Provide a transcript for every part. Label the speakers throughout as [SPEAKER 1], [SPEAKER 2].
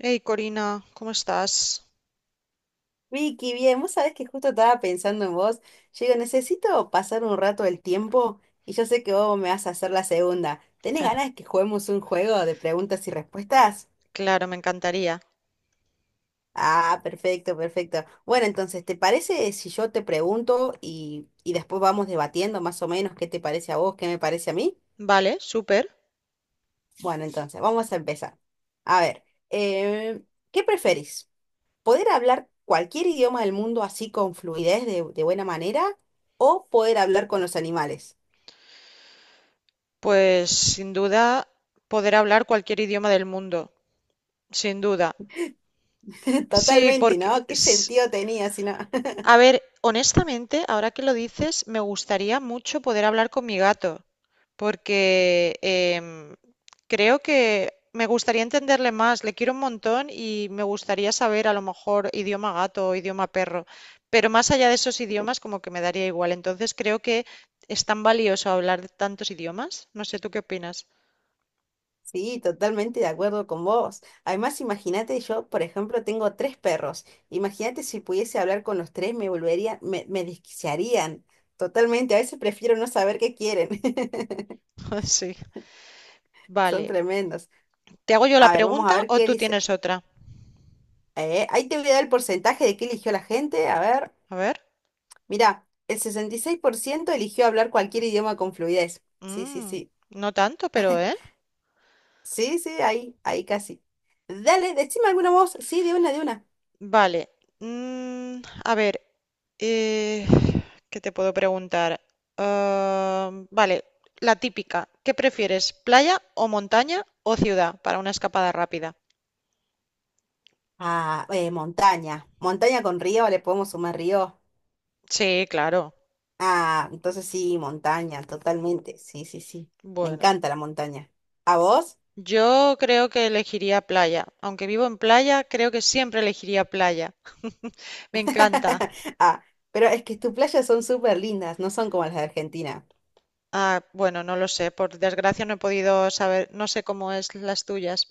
[SPEAKER 1] Hey Corina, ¿cómo estás?
[SPEAKER 2] Vicky, bien, vos sabés que justo estaba pensando en vos. Yo digo, necesito pasar un rato del tiempo y yo sé que vos me vas a hacer la segunda. ¿Tenés ganas de que juguemos un juego de preguntas y respuestas?
[SPEAKER 1] Claro, me encantaría.
[SPEAKER 2] Ah, perfecto, perfecto. Bueno, entonces, ¿te parece si yo te pregunto y después vamos debatiendo más o menos qué te parece a vos, qué me parece a mí?
[SPEAKER 1] Vale, súper.
[SPEAKER 2] Bueno, entonces, vamos a empezar. A ver, eh, ¿qué preferís? Poder hablar cualquier idioma del mundo así con fluidez de buena manera o poder hablar con los animales.
[SPEAKER 1] Pues sin duda poder hablar cualquier idioma del mundo, sin duda. Sí,
[SPEAKER 2] Totalmente,
[SPEAKER 1] porque
[SPEAKER 2] ¿no? ¿Qué sentido tenía si no?
[SPEAKER 1] a ver, honestamente, ahora que lo dices, me gustaría mucho poder hablar con mi gato, porque creo que me gustaría entenderle más, le quiero un montón y me gustaría saber a lo mejor idioma gato o idioma perro, pero más allá de esos idiomas como que me daría igual, entonces creo que es tan valioso hablar de tantos idiomas, no sé, ¿tú qué opinas?
[SPEAKER 2] Sí, totalmente de acuerdo con vos. Además, imagínate, yo, por ejemplo, tengo tres perros. Imagínate si pudiese hablar con los tres, me volvería, me desquiciarían. Totalmente, a veces prefiero no saber qué quieren.
[SPEAKER 1] Sí,
[SPEAKER 2] Son
[SPEAKER 1] vale.
[SPEAKER 2] tremendos.
[SPEAKER 1] ¿Te hago yo la
[SPEAKER 2] A ver, vamos a
[SPEAKER 1] pregunta
[SPEAKER 2] ver
[SPEAKER 1] o
[SPEAKER 2] qué
[SPEAKER 1] tú
[SPEAKER 2] dice.
[SPEAKER 1] tienes otra?
[SPEAKER 2] Ahí te voy a dar el porcentaje de qué eligió la gente. A ver.
[SPEAKER 1] A ver.
[SPEAKER 2] Mirá, el 66% eligió hablar cualquier idioma con fluidez. Sí, sí,
[SPEAKER 1] Mm,
[SPEAKER 2] sí.
[SPEAKER 1] no tanto, pero ¿eh?
[SPEAKER 2] Sí, sí, ahí, ahí casi. Dale, decime alguna voz. Sí, de una, de una.
[SPEAKER 1] Vale. Mm, a ver, eh, ¿qué te puedo preguntar? Ah, vale, la típica. ¿Qué prefieres, playa o montaña o ciudad para una escapada rápida?
[SPEAKER 2] Ah, montaña. Montaña con río, le podemos sumar río.
[SPEAKER 1] Sí, claro.
[SPEAKER 2] Ah, entonces sí, montaña, totalmente. Sí, sí, sí. Me
[SPEAKER 1] Bueno,
[SPEAKER 2] encanta la montaña. ¿A vos?
[SPEAKER 1] yo creo que elegiría playa. Aunque vivo en playa, creo que siempre elegiría playa. Me encanta.
[SPEAKER 2] Ah, pero es que tus playas son súper lindas, no son como las de Argentina.
[SPEAKER 1] Ah, bueno, no lo sé. Por desgracia no he podido saber, no sé cómo es las tuyas.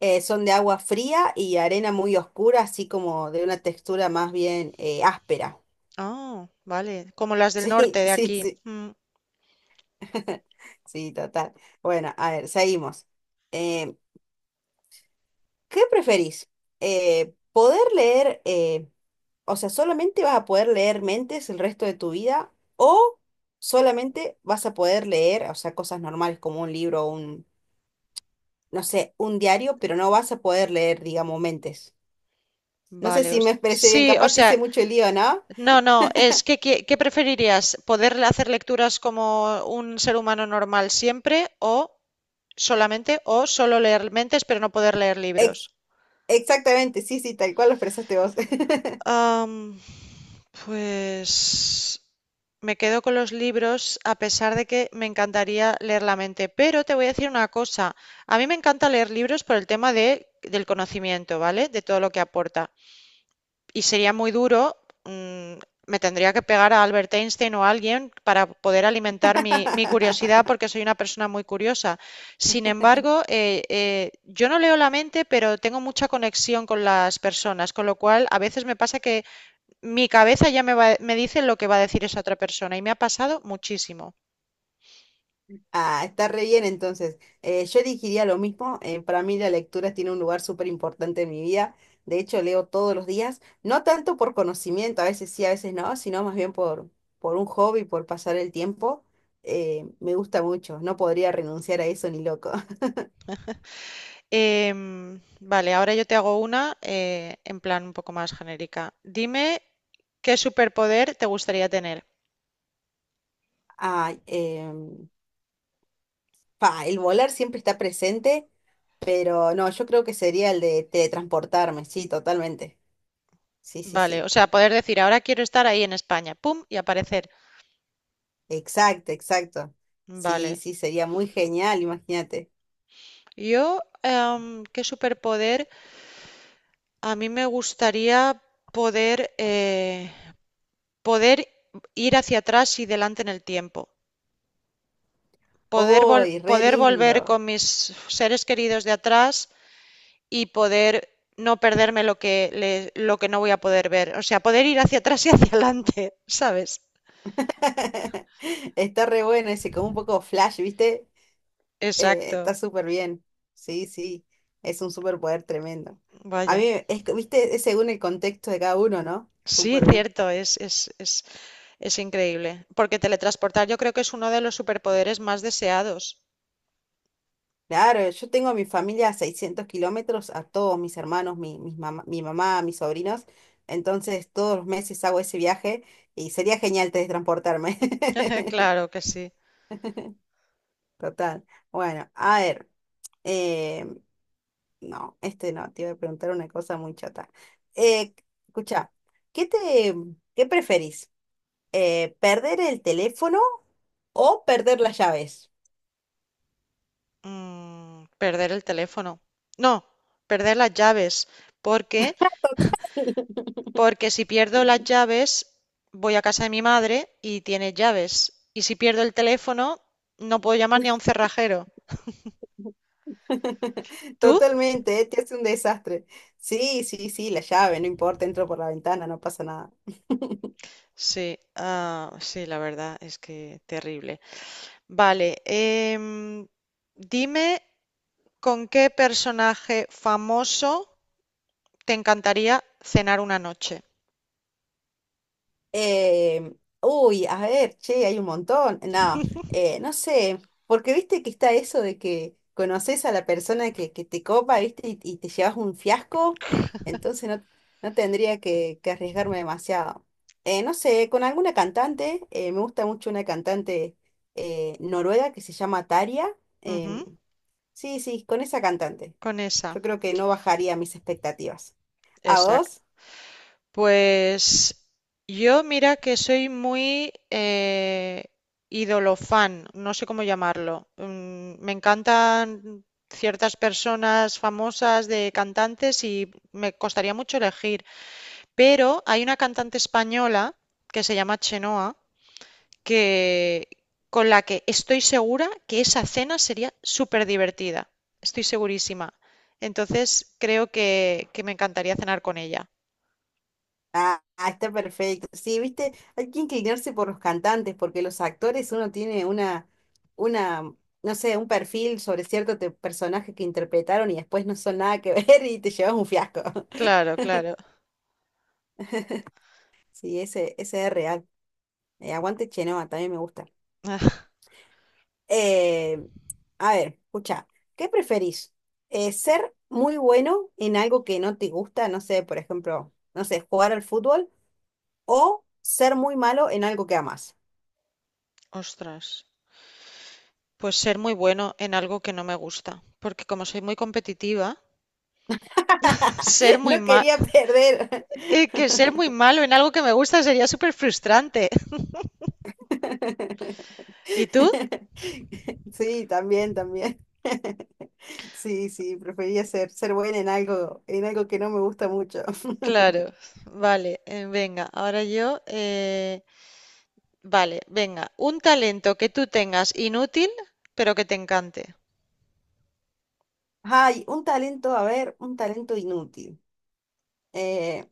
[SPEAKER 2] Son de agua fría y arena muy oscura, así como de una textura más bien áspera.
[SPEAKER 1] Ah, vale. Como las del
[SPEAKER 2] Sí,
[SPEAKER 1] norte de
[SPEAKER 2] sí,
[SPEAKER 1] aquí.
[SPEAKER 2] sí.
[SPEAKER 1] Mm.
[SPEAKER 2] Sí, total. Bueno, a ver, seguimos. Eh, ¿Qué preferís? ¿Poder leer, o sea, solamente vas a poder leer mentes el resto de tu vida o solamente vas a poder leer, o sea, cosas normales como un libro o un, no sé, un diario, pero no vas a poder leer, digamos, mentes? No sé
[SPEAKER 1] Vale,
[SPEAKER 2] si me expresé bien,
[SPEAKER 1] sí, o
[SPEAKER 2] capaz te
[SPEAKER 1] sea,
[SPEAKER 2] hice mucho lío, ¿no?
[SPEAKER 1] no, no, es que ¿qué preferirías? ¿Poder hacer lecturas como un ser humano normal siempre o solamente o solo leer mentes pero no poder leer libros?
[SPEAKER 2] Ex- exactamente, sí, sí, tal cual lo expresaste vos.
[SPEAKER 1] Am, pues me quedo con los libros a pesar de que me encantaría leer la mente, pero te voy a decir una cosa, a mí me encanta leer libros por el tema del conocimiento, ¿vale? De todo lo que aporta. Y sería muy duro. mm, Me tendría que pegar a Albert Einstein o a alguien para poder alimentar mi curiosidad porque soy una persona muy curiosa. Sin embargo, yo no leo la mente, pero tengo mucha conexión con las personas, con lo cual a veces me pasa que mi cabeza me dice lo que va a decir esa otra persona y me ha pasado muchísimo.
[SPEAKER 2] Ah, está re bien entonces. Yo elegiría lo mismo. Eh, para mí la lectura tiene un lugar súper importante en mi vida. De hecho, leo todos los días, no tanto por conocimiento, a veces sí, a veces no, sino más bien por un hobby, por pasar el tiempo. Me gusta mucho, no podría renunciar a eso ni loco.
[SPEAKER 1] Vale, ahora yo te hago una en plan un poco más genérica. Dime qué superpoder te gustaría tener.
[SPEAKER 2] Ay, pa, el volar siempre está presente, pero no, yo creo que sería el de teletransportarme, sí, totalmente. Sí, sí,
[SPEAKER 1] Vale,
[SPEAKER 2] sí.
[SPEAKER 1] o sea, poder decir, ahora quiero estar ahí en España, pum, y aparecer.
[SPEAKER 2] Exacto, exacto. Sí,
[SPEAKER 1] Vale.
[SPEAKER 2] sí, sería muy genial, imagínate.
[SPEAKER 1] Yo, ¿qué superpoder? A mí me gustaría poder, eh, poder ir hacia atrás y delante en el tiempo. Poder,
[SPEAKER 2] ¡Uy, re
[SPEAKER 1] poder volver
[SPEAKER 2] lindo!
[SPEAKER 1] con mis seres queridos de atrás y poder no perderme lo que, lo que no voy a poder ver. O sea, poder ir hacia atrás y hacia adelante, ¿sabes?
[SPEAKER 2] Está re bueno ese, como un poco flash, ¿viste? Está
[SPEAKER 1] Exacto.
[SPEAKER 2] súper bien. Sí, sí, es un superpoder tremendo. A
[SPEAKER 1] Vaya.
[SPEAKER 2] mí, es, que, ¿viste? Es según el contexto de cada uno, ¿no?
[SPEAKER 1] Sí,
[SPEAKER 2] Súper bien.
[SPEAKER 1] cierto, Es increíble, porque teletransportar yo creo que es uno de los superpoderes más deseados.
[SPEAKER 2] Claro, yo tengo a mi familia a 600 km, a todos mis hermanos, mi mamá, mis sobrinos. Entonces, todos los meses hago ese viaje y sería genial teletransportarme.
[SPEAKER 1] Claro que sí.
[SPEAKER 2] Total. Bueno, a ver. Eh, no, este no, te iba a preguntar una cosa muy chata. Eh, escucha, ¿qué te, qué preferís? ¿Perder el teléfono o perder las llaves?
[SPEAKER 1] Perder el teléfono. No, perder las llaves. ¿Por qué? Porque si pierdo las llaves, voy a casa de mi madre y tiene llaves. Y si pierdo el teléfono, no puedo llamar ni a un cerrajero. ¿Tú?
[SPEAKER 2] Totalmente, ¿eh? Te hace un desastre. Sí, sí, sí, la llave, no importa, entro por la ventana, no pasa nada.
[SPEAKER 1] Sí, ah, sí, la verdad es que terrible. Vale, dime con qué personaje famoso te encantaría cenar una noche.
[SPEAKER 2] Eh, uy, a ver, che, hay un montón. No, no sé, porque viste que está eso de que conoces a la persona que te copa, viste, y te llevas un fiasco, entonces no, no tendría que arriesgarme demasiado. No sé, con alguna cantante, me gusta mucho una cantante noruega que se llama Taria. em,
[SPEAKER 1] Ujú.
[SPEAKER 2] sí, sí, con esa cantante.
[SPEAKER 1] Con esa,
[SPEAKER 2] Yo creo que no bajaría mis expectativas. ¿A
[SPEAKER 1] exacto.
[SPEAKER 2] vos?
[SPEAKER 1] Pues yo mira que soy muy idolofan, no sé cómo llamarlo. Me encantan ciertas personas famosas de cantantes y me costaría mucho elegir, pero hay una cantante española que se llama Chenoa que con la que estoy segura que esa cena sería súper divertida. Estoy segurísima. Entonces creo que me encantaría cenar con ella.
[SPEAKER 2] Ah, ah, está perfecto. Sí, viste, hay que inclinarse por los cantantes, porque los actores uno tiene una, no sé, un perfil sobre cierto personaje que interpretaron y después no son nada que ver y te llevas un fiasco.
[SPEAKER 1] Claro, claro.
[SPEAKER 2] Sí, ese es real. Aguante Chenoa, también me gusta.
[SPEAKER 1] Ah,
[SPEAKER 2] Eh, a ver, escucha, ¿qué preferís? ¿Ser muy bueno en algo que no te gusta? No sé, por ejemplo, no sé, jugar al fútbol o ser muy malo en algo que amas.
[SPEAKER 1] ostras. Pues ser muy bueno en algo que no me gusta. Porque como soy muy competitiva, ser muy
[SPEAKER 2] No
[SPEAKER 1] mal,
[SPEAKER 2] quería perder.
[SPEAKER 1] que ser muy malo en algo que me gusta sería súper frustrante. ¿Y tú?
[SPEAKER 2] Sí, también, también. Sí, sí, prefería ser buena en algo que no me gusta mucho.
[SPEAKER 1] Claro, vale, venga, ahora yo. Vale, venga. Un talento que tú tengas inútil, pero que te encante.
[SPEAKER 2] Ay, un talento, a ver, un talento inútil. Eh,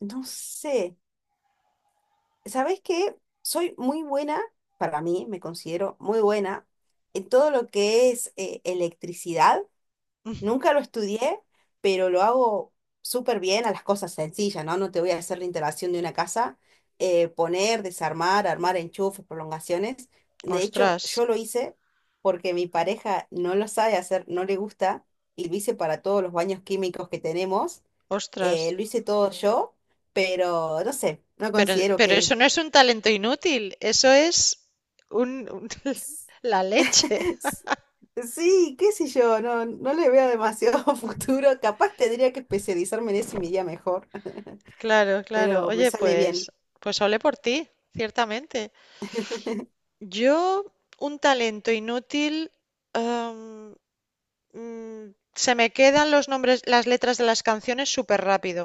[SPEAKER 2] no sé, ¿sabés qué? Soy muy buena, para mí, me considero muy buena en todo lo que es electricidad. Nunca lo estudié, pero lo hago súper bien a las cosas sencillas, ¿no? No te voy a hacer la instalación de una casa, poner, desarmar, armar enchufes, prolongaciones. De hecho,
[SPEAKER 1] Ostras,
[SPEAKER 2] yo lo hice porque mi pareja no lo sabe hacer, no le gusta, y lo hice para todos los baños químicos que tenemos.
[SPEAKER 1] ostras.
[SPEAKER 2] Lo hice todo yo, pero no sé, no
[SPEAKER 1] Pero,
[SPEAKER 2] considero
[SPEAKER 1] pero
[SPEAKER 2] que...
[SPEAKER 1] eso no es un talento inútil, eso es un, un- la leche.
[SPEAKER 2] Sí, qué sé yo, no, no le veo demasiado futuro. Capaz tendría que especializarme en eso y me iría mejor.
[SPEAKER 1] Claro, claro.
[SPEAKER 2] Pero me
[SPEAKER 1] Oye,
[SPEAKER 2] sale bien.
[SPEAKER 1] pues ole por ti, ciertamente. Yo, un talento inútil, am, se me quedan los nombres, las letras de las canciones súper rápido.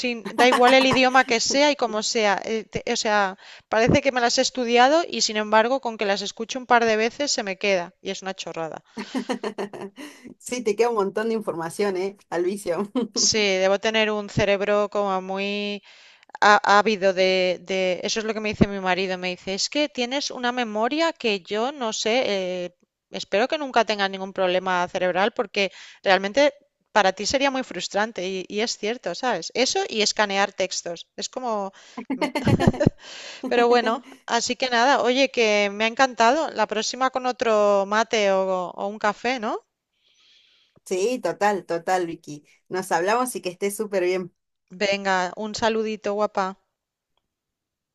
[SPEAKER 1] Da igual el idioma que sea y como sea. O sea, parece que me las he estudiado y sin embargo, con que las escuche un par de veces se me queda y es una chorrada.
[SPEAKER 2] Sí, te queda un montón de información, ¿eh? Al vicio.
[SPEAKER 1] Sí, debo tener un cerebro como muy ávido. Eso es lo que me dice mi marido. Me dice, es que tienes una memoria que yo no sé, eh, espero que nunca tengas ningún problema cerebral porque realmente para ti sería muy frustrante y es cierto, ¿sabes? Eso y escanear textos. Es como. Me, Pero bueno, así que nada, oye, que me ha encantado. La próxima con otro mate o un café, ¿no?
[SPEAKER 2] Sí, total, total, Vicky. Nos hablamos y que estés súper bien.
[SPEAKER 1] Venga, un saludito, guapa.